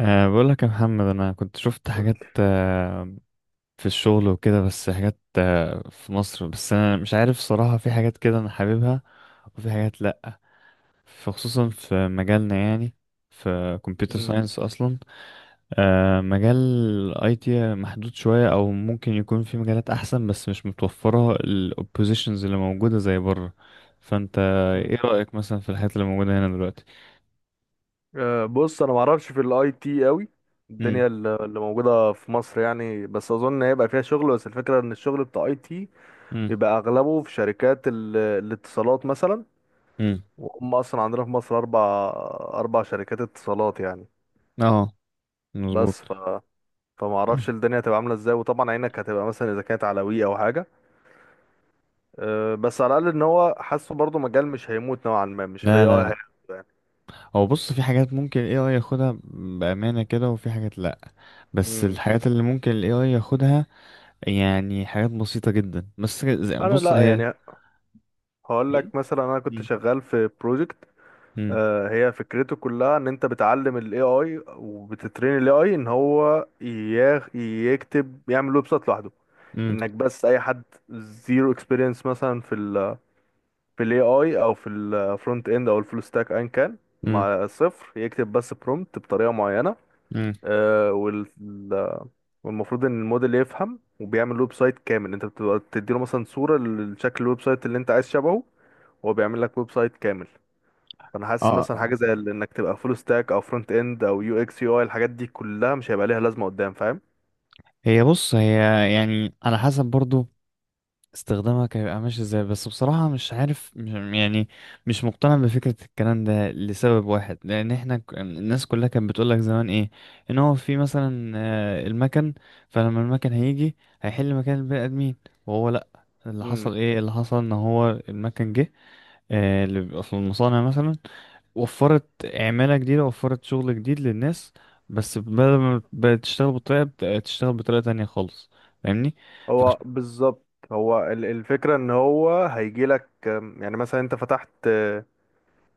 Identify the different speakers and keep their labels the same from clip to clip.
Speaker 1: بقول لك يا محمد، انا كنت شفت
Speaker 2: قول
Speaker 1: حاجات
Speaker 2: لي.
Speaker 1: في الشغل وكده، بس حاجات في مصر. بس انا مش عارف صراحة، في حاجات كده انا حاببها وفي حاجات لا. فخصوصا في مجالنا يعني، في كمبيوتر
Speaker 2: مم.
Speaker 1: ساينس اصلا. مجال الاي تي محدود شوية، او ممكن يكون في مجالات احسن بس مش متوفرة الاوبوزيشنز اللي موجودة زي بره. فانت
Speaker 2: مم.
Speaker 1: ايه رأيك مثلا في الحاجات اللي موجودة هنا دلوقتي؟
Speaker 2: بص انا ما اعرفش في الاي تي قوي
Speaker 1: امم.
Speaker 2: الدنيا اللي موجوده في مصر يعني، بس اظن هيبقى فيها شغل، بس الفكره ان الشغل بتاع اي تي
Speaker 1: امم.
Speaker 2: بيبقى اغلبه في شركات الاتصالات مثلا،
Speaker 1: امم.
Speaker 2: وهم اصلا عندنا في مصر اربع شركات اتصالات يعني.
Speaker 1: اه، مظبوط.
Speaker 2: بس فما اعرفش الدنيا هتبقى عامله ازاي، وطبعا عينك هتبقى مثلا اذا كانت على وي او حاجه. بس على الاقل ان هو حاسه برضه مجال مش هيموت نوعا ما، مش الاي
Speaker 1: لا،
Speaker 2: اي
Speaker 1: لا، لا.
Speaker 2: هيموت يعني.
Speaker 1: هو بص، في حاجات ممكن ال AI ياخدها بأمانة كده، وفي حاجات لأ. بس
Speaker 2: مم.
Speaker 1: الحاجات اللي ممكن ال AI ياخدها، يعني حاجات بسيطة جدا. بس
Speaker 2: انا
Speaker 1: بص
Speaker 2: لا
Speaker 1: هي
Speaker 2: يعني. هقول
Speaker 1: ايه.
Speaker 2: لك مثلا، انا كنت
Speaker 1: مم.
Speaker 2: شغال في بروجكت
Speaker 1: مم.
Speaker 2: هي فكرته كلها ان انت بتعلم الاي اي وبتترين الاي اي ان هو يكتب، يعمل ويب سايت لوحده.
Speaker 1: مم.
Speaker 2: انك بس اي حد زيرو اكسبيرينس مثلا في في الاي اي او في الفرونت اند او الفول ستاك ايا كان،
Speaker 1: مم.
Speaker 2: مع صفر، يكتب بس برومبت بطريقه معينه،
Speaker 1: مم.
Speaker 2: آه، وال- والمفروض ان الموديل يفهم وبيعمل ويب سايت كامل. انت بتبقى بتديله مثلا صوره لشكل الويب سايت اللي انت عايز شبهه، وهو بيعمل لك ويب سايت كامل. فانا حاسس
Speaker 1: اه.
Speaker 2: مثلا
Speaker 1: آه.
Speaker 2: حاجه زي انك تبقى فول ستاك او فرونت اند او يو اكس يو اي، الحاجات دي كلها مش هيبقى ليها لازمه قدام، فاهم.
Speaker 1: هي بص، هي يعني على حسب برضو استخدامك هيبقى ماشي ازاي. بس بصراحة مش عارف يعني، مش مقتنع بفكرة الكلام ده لسبب واحد. لأن احنا الناس كلها كانت بتقولك زمان، ايه، ان هو في مثلا المكن. فلما المكن هيجي هيحل مكان البني آدمين. وهو لأ، اللي
Speaker 2: امم.
Speaker 1: حصل ايه؟ اللي حصل ان هو المكن جه، اللي بيبقى في المصانع مثلا، وفرت عمالة جديدة، وفرت شغل جديد للناس. بس بدل ما بقت تشتغل بطريقة، بقت تشتغل بطريقة تانية خالص. فاهمني؟ فعش-
Speaker 2: هو بالظبط، هو الفكره ان هو هيجي لك. يعني مثلا انت فتحت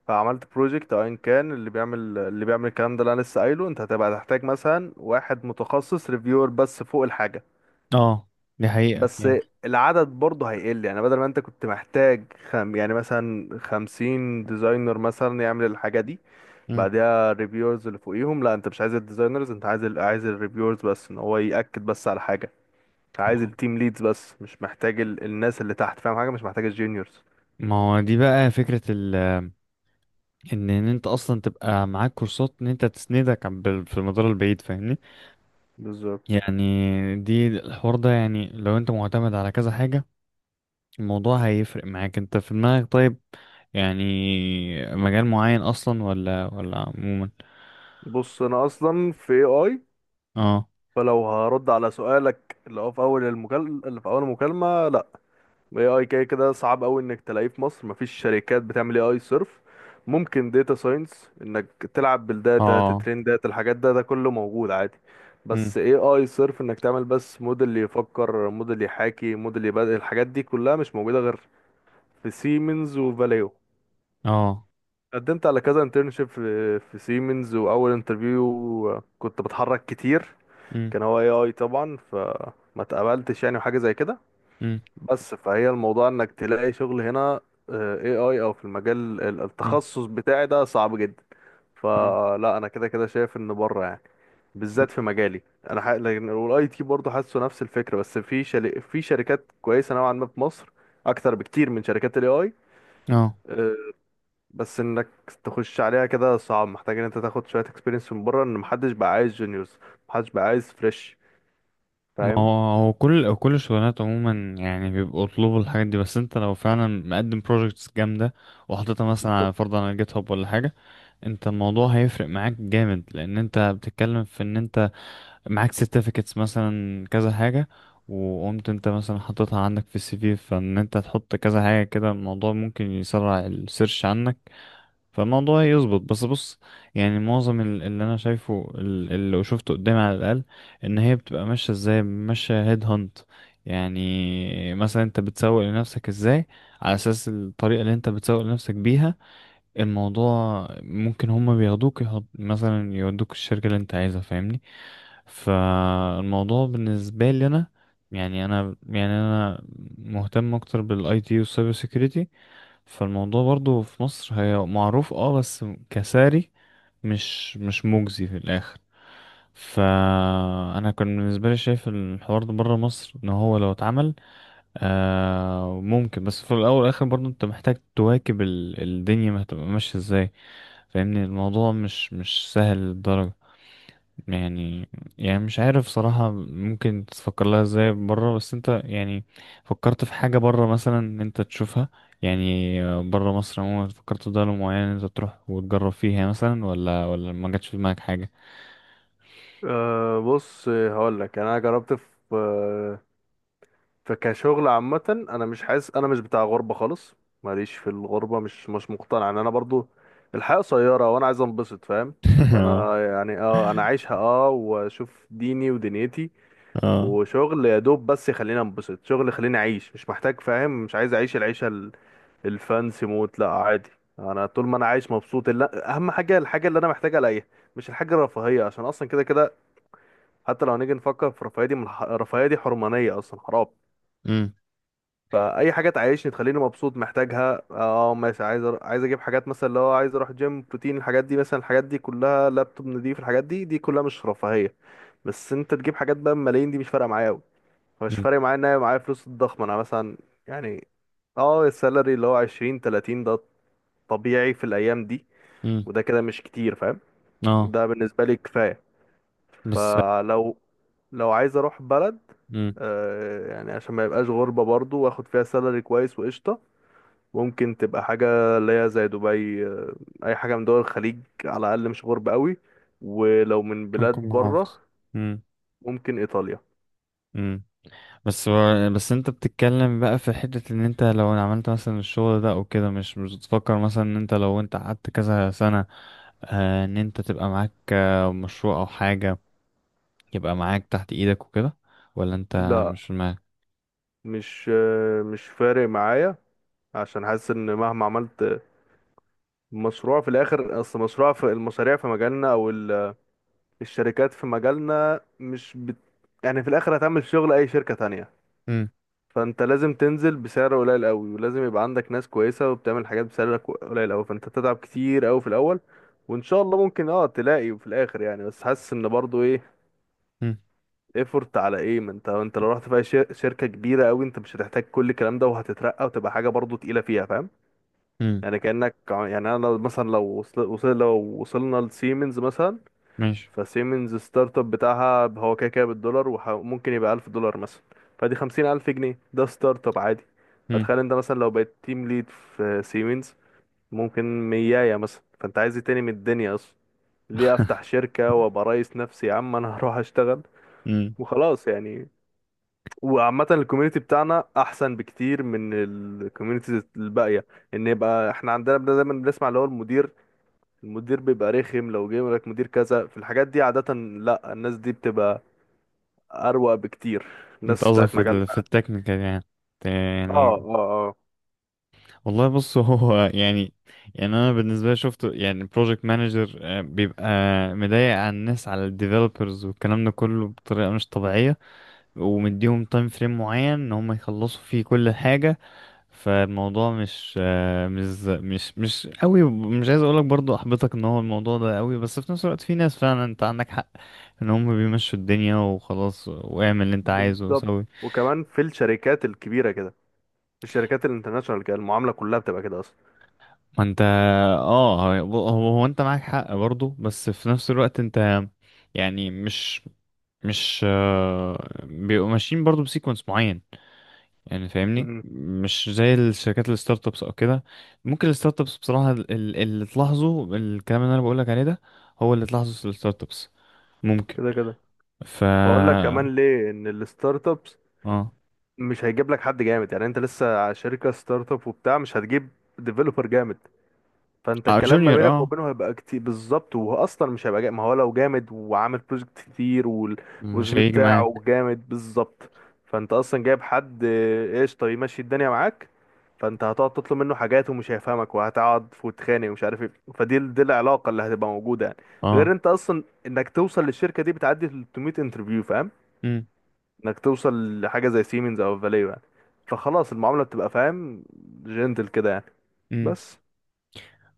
Speaker 2: عملت بروجكت او ان كان اللي بيعمل اللي بيعمل الكلام ده اللي انا لسه قايله، انت هتبقى تحتاج مثلا واحد متخصص ريفيور بس فوق الحاجه،
Speaker 1: اه، دي حقيقة
Speaker 2: بس
Speaker 1: يعني.
Speaker 2: العدد برضه هيقل. يعني بدل ما انت كنت محتاج خم يعني مثلا 50 ديزاينر مثلا يعمل الحاجه دي،
Speaker 1: مم.
Speaker 2: بعديها الريفيورز اللي فوقيهم، لا، انت مش عايز الديزاينرز، انت عايز عايز الريفيورز بس ان هو يأكد بس على حاجة.
Speaker 1: ما
Speaker 2: عايز
Speaker 1: هو
Speaker 2: التيم ليدز بس، مش محتاج الناس اللي تحت، فاهم حاجة، مش محتاج الجونيورز.
Speaker 1: ما هو دي بقى فكرة ال، إن أنت أصلا تبقى معاك كورسات. إن أنت تسندك في المدار البعيد، فاهمني؟
Speaker 2: بالظبط.
Speaker 1: يعني دي، الحوار ده يعني لو أنت معتمد على كذا حاجة، الموضوع هيفرق معاك. أنت في دماغك طيب يعني مجال معين أصلا، ولا عموما؟
Speaker 2: بص، انا اصلا في اي اي،
Speaker 1: اه.
Speaker 2: فلو هرد على سؤالك اللي هو في اللي في اول المكالمة، لا، اي اي كده كده صعب قوي انك تلاقيه في مصر. مفيش شركات بتعمل اي اي صرف. ممكن داتا ساينس، انك تلعب بالداتا،
Speaker 1: اه.
Speaker 2: تترين داتا، الحاجات ده كله موجود عادي.
Speaker 1: مم.
Speaker 2: بس اي اي صرف انك تعمل بس موديل يفكر، موديل يحاكي، موديل يبدأ، الحاجات دي كلها مش موجودة غير في سيمنز وفاليو.
Speaker 1: اه.
Speaker 2: قدمت على كذا انترنشيب في سيمنز، واول انترفيو كنت بتحرك كتير
Speaker 1: مم.
Speaker 2: كان هو اي اي طبعا، فما اتقبلتش يعني، وحاجة زي كده.
Speaker 1: مم.
Speaker 2: بس فهي الموضوع انك تلاقي شغل هنا اي اي او في المجال التخصص بتاعي ده صعب جدا.
Speaker 1: مم.
Speaker 2: فلا، انا كده كده شايف ان بره يعني،
Speaker 1: مم.
Speaker 2: بالذات في مجالي. لكن والاي تي برضه حاسه نفس الفكره، بس في في شركات كويسه نوعا ما في مصر، اكتر بكتير من شركات الاي اي.
Speaker 1: اه.
Speaker 2: بس انك تخش عليها كده صعب، محتاج ان انت تاخد شويه اكسبيرينس من بره، ان محدش بقى عايز جونيورز، محدش بقى عايز فريش،
Speaker 1: ما هو،
Speaker 2: فاهم.
Speaker 1: هو كل الشغلانات عموما يعني بيبقوا طلوب الحاجات دي. بس انت لو فعلا مقدم بروجكتس جامدة وحطيتها مثلا
Speaker 2: طب.
Speaker 1: على فرض على جيت هاب ولا حاجة، انت الموضوع هيفرق معاك جامد. لان انت بتتكلم في ان انت معاك سيرتيفيكتس مثلا، كذا حاجة. وقمت انت مثلا حطيتها عندك في السي في، فان انت تحط كذا حاجة كده، الموضوع ممكن يسرع السيرش عنك. فالموضوع يظبط. بس بص، يعني معظم اللي انا شايفه، اللي شفته قدامي على الاقل، ان هي بتبقى ماشيه ازاي، ماشيه هيد هانت. يعني مثلا انت بتسوق لنفسك ازاي. على اساس الطريقه اللي انت بتسوق لنفسك بيها، الموضوع ممكن هما بياخدوك، يحط مثلا، يودوك الشركة اللي انت عايزها، فاهمني. فالموضوع بالنسبة لي انا، يعني انا، يعني مهتم اكتر بالاي تي والسايبر سيكيورتي. فالموضوع برضو في مصر هي معروف، اه، بس كساري، مش مجزي في الاخر. فانا كان بالنسبة لي شايف الحوار ده بره مصر، ان هو لو اتعمل ممكن. بس في الاول والاخر برضو انت محتاج تواكب الدنيا ما هتبقى ماشيه ازاي. فاهمني الموضوع مش سهل للدرجه يعني يعني مش عارف صراحه ممكن تفكر لها ازاي بره. بس انت يعني، فكرت في حاجه بره مثلا ان انت تشوفها؟ يعني بره مصر عموما، فكرت في دوله معينه انت تروح وتجرب فيها مثلا، ولا ما جاتش في دماغك حاجه؟
Speaker 2: بص، هقول لك، انا جربت في فكشغل عامة انا مش حاسس، انا مش بتاع غربة خالص، ماليش في الغربة، مش مقتنع ان انا برضو الحياة قصيرة وانا عايز انبسط، فاهم.
Speaker 1: اه.
Speaker 2: فانا يعني انا عايشها، واشوف ديني ودنيتي،
Speaker 1: اه.
Speaker 2: وشغل يا دوب بس يخليني انبسط، شغل يخليني اعيش، مش محتاج، فاهم، مش عايز اعيش العيشة الفانسي موت، لا، عادي. انا طول ما انا عايش مبسوط، لا، اهم حاجة الحاجة اللي انا محتاج الاقيها، مش الحاجة الرفاهية، عشان اصلا كده كده، حتى لو هنيجي نفكر في الرفاهية دي من الرفاهية دي حرمانية اصلا، حرام.
Speaker 1: امم.
Speaker 2: اي حاجه تعيشني تخليني مبسوط محتاجها، ماشي، عايز عايز اجيب حاجات مثلا اللي هو عايز اروح جيم، بروتين، الحاجات دي، مثلا الحاجات دي كلها، لابتوب نضيف، الحاجات دي كلها مش رفاهيه. بس انت تجيب حاجات بقى بملايين، دي مش فارقه معايا قوي، مش فارق معايا ان انا معايا فلوس الضخمه. انا مثلا يعني، اه السالري اللي هو 20 30 ده طبيعي في الايام دي،
Speaker 1: امم.
Speaker 2: وده كده مش كتير، فاهم،
Speaker 1: اه.
Speaker 2: ده بالنسبه لي كفايه.
Speaker 1: بس
Speaker 2: فلو عايز اروح بلد،
Speaker 1: امم
Speaker 2: يعني عشان ما يبقاش غربة، برضو واخد فيها سالري كويس وقشطة، ممكن تبقى حاجة اللي هي زي دبي، أي حاجة من دول الخليج، على الأقل مش غرب قوي. ولو من بلاد
Speaker 1: هنكون
Speaker 2: بره،
Speaker 1: محافظ. أمم.
Speaker 2: ممكن إيطاليا.
Speaker 1: امم. بس انت بتتكلم بقى في حتة، ان انت لو عملت مثلا الشغل ده او كده، مش بتفكر مثلا ان انت لو انت قعدت كذا سنة، ان انت تبقى معاك مشروع او حاجة يبقى معاك تحت ايدك وكده؟ ولا انت
Speaker 2: لا،
Speaker 1: مش في دماغك؟
Speaker 2: مش فارق معايا، عشان حاسس إن مهما عملت مشروع في الآخر، أصل مشروع، في المشاريع في مجالنا أو الشركات في مجالنا مش بت... يعني في الآخر هتعمل شغل أي شركة تانية.
Speaker 1: امم.
Speaker 2: فانت لازم تنزل بسعر قليل قوي، ولازم يبقى عندك ناس كويسه وبتعمل حاجات بسعر قليل قوي، فانت تتعب كتير قوي في الاول، وان شاء الله ممكن تلاقي في الاخر يعني. بس حاسس ان برضو ايه
Speaker 1: امم.
Speaker 2: ايفورت على ايه، ما انت لو رحت في أي شركه كبيره قوي انت مش هتحتاج كل الكلام ده، وهتترقى وتبقى حاجه برضو تقيله فيها، فاهم.
Speaker 1: امم.
Speaker 2: يعني كانك يعني انا مثلا لو لو وصلنا لسيمنز مثلا،
Speaker 1: ماشي.
Speaker 2: فسيمنز ستارت اب بتاعها هو كده كده بالدولار، وممكن يبقى 1000 دولار مثلا، فدي 50000 جنيه، ده ستارت اب عادي. فتخيل
Speaker 1: امم.
Speaker 2: انت مثلا لو بقيت تيم ليد في سيمنز، ممكن 100 مثلا، فانت عايز ايه تاني من الدنيا اصلا؟ ليه افتح شركة وابقى رئيس نفسي يا عم، انا هروح اشتغل
Speaker 1: امم.
Speaker 2: وخلاص يعني. وعامة الكوميونتي بتاعنا احسن بكتير من الكوميونتيز الباقية، ان يبقى احنا عندنا دايما بنسمع اللي هو المدير، بيبقى رخم لو جه يقول لك مدير كذا، في الحاجات دي عادة، لا، الناس دي بتبقى اروق بكتير،
Speaker 1: انت
Speaker 2: الناس
Speaker 1: قصدك
Speaker 2: بتاعت
Speaker 1: في في
Speaker 2: مجالنا.
Speaker 1: التكنيكال يعني،
Speaker 2: اه،
Speaker 1: يعني؟
Speaker 2: اه، اه،
Speaker 1: والله بص، هو يعني انا بالنسبه لي شفت يعني بروجكت مانجر بيبقى مضايق على الناس، على الديفلوبرز، والكلام ده كله بطريقه مش طبيعيه. ومديهم تايم فريم معين ان هم يخلصوا فيه كل حاجه. فالموضوع مش مش قوي. مش عايز اقولك برضو احبطك ان هو الموضوع ده قوي، بس في نفس الوقت في ناس فعلا انت عندك حق، ان هم بيمشوا الدنيا وخلاص، واعمل اللي انت عايزه
Speaker 2: بالظبط.
Speaker 1: وسوي.
Speaker 2: وكمان في الشركات الكبيره كده، في الشركات الانترناشونال كده المعامله كلها بتبقى كده اصلا.
Speaker 1: ما انت، اه، هو انت معاك حق برضه. بس في نفس الوقت انت يعني، مش بيبقوا ماشيين برضه بسيكونس معين يعني، فاهمني.
Speaker 2: امم.
Speaker 1: مش زي الشركات الستارت ابس او كده. ممكن الستارت ابس بصراحة، اللي تلاحظه، الكلام اللي انا بقولك عليه ده، هو اللي تلاحظه في الستارت ابس ممكن.
Speaker 2: كده كده
Speaker 1: ف
Speaker 2: هقول لك كمان
Speaker 1: اه.
Speaker 2: ليه، ان الستارت ابس مش هيجيب لك حد جامد يعني، انت لسه شركه ستارت اب وبتاع، مش هتجيب ديفلوبر جامد، فانت
Speaker 1: اه،
Speaker 2: الكلام ما
Speaker 1: جونيور،
Speaker 2: بينك
Speaker 1: اه،
Speaker 2: وبينه هيبقى كتير بالظبط. وهو اصلا مش هيبقى جامد، ما هو لو جامد وعامل بروجكت كتير والسي
Speaker 1: مش
Speaker 2: في
Speaker 1: هيجي
Speaker 2: بتاعه
Speaker 1: معاك.
Speaker 2: جامد بالظبط، فانت اصلا جايب حد قشطه يمشي الدنيا معاك، فانت هتقعد تطلب منه حاجات ومش هيفهمك وهتقعد وتتخانق ومش عارف ايه، دي العلاقه اللي هتبقى موجوده يعني. غير
Speaker 1: اه.
Speaker 2: انت اصلا انك توصل للشركه دي بتعدي 300 انترفيو، فاهم، انك توصل لحاجه زي سيمنز او فاليو يعني، فخلاص المعامله بتبقى، فاهم، جنتل كده يعني.
Speaker 1: امم.
Speaker 2: بس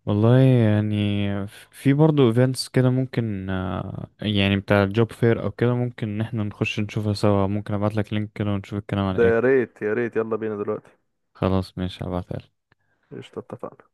Speaker 1: والله يعني في برضه ايفنتس كده ممكن، يعني بتاع الجوب فير او كده، ممكن ان احنا نخش نشوفها سوا. ممكن ابعت لك لينك كده ونشوف الكلام على
Speaker 2: ده
Speaker 1: ايه.
Speaker 2: يا ريت، يا ريت، يلا بينا دلوقتي.
Speaker 1: خلاص ماشي، هبعتها لك.
Speaker 2: قشطة، اتفقنا.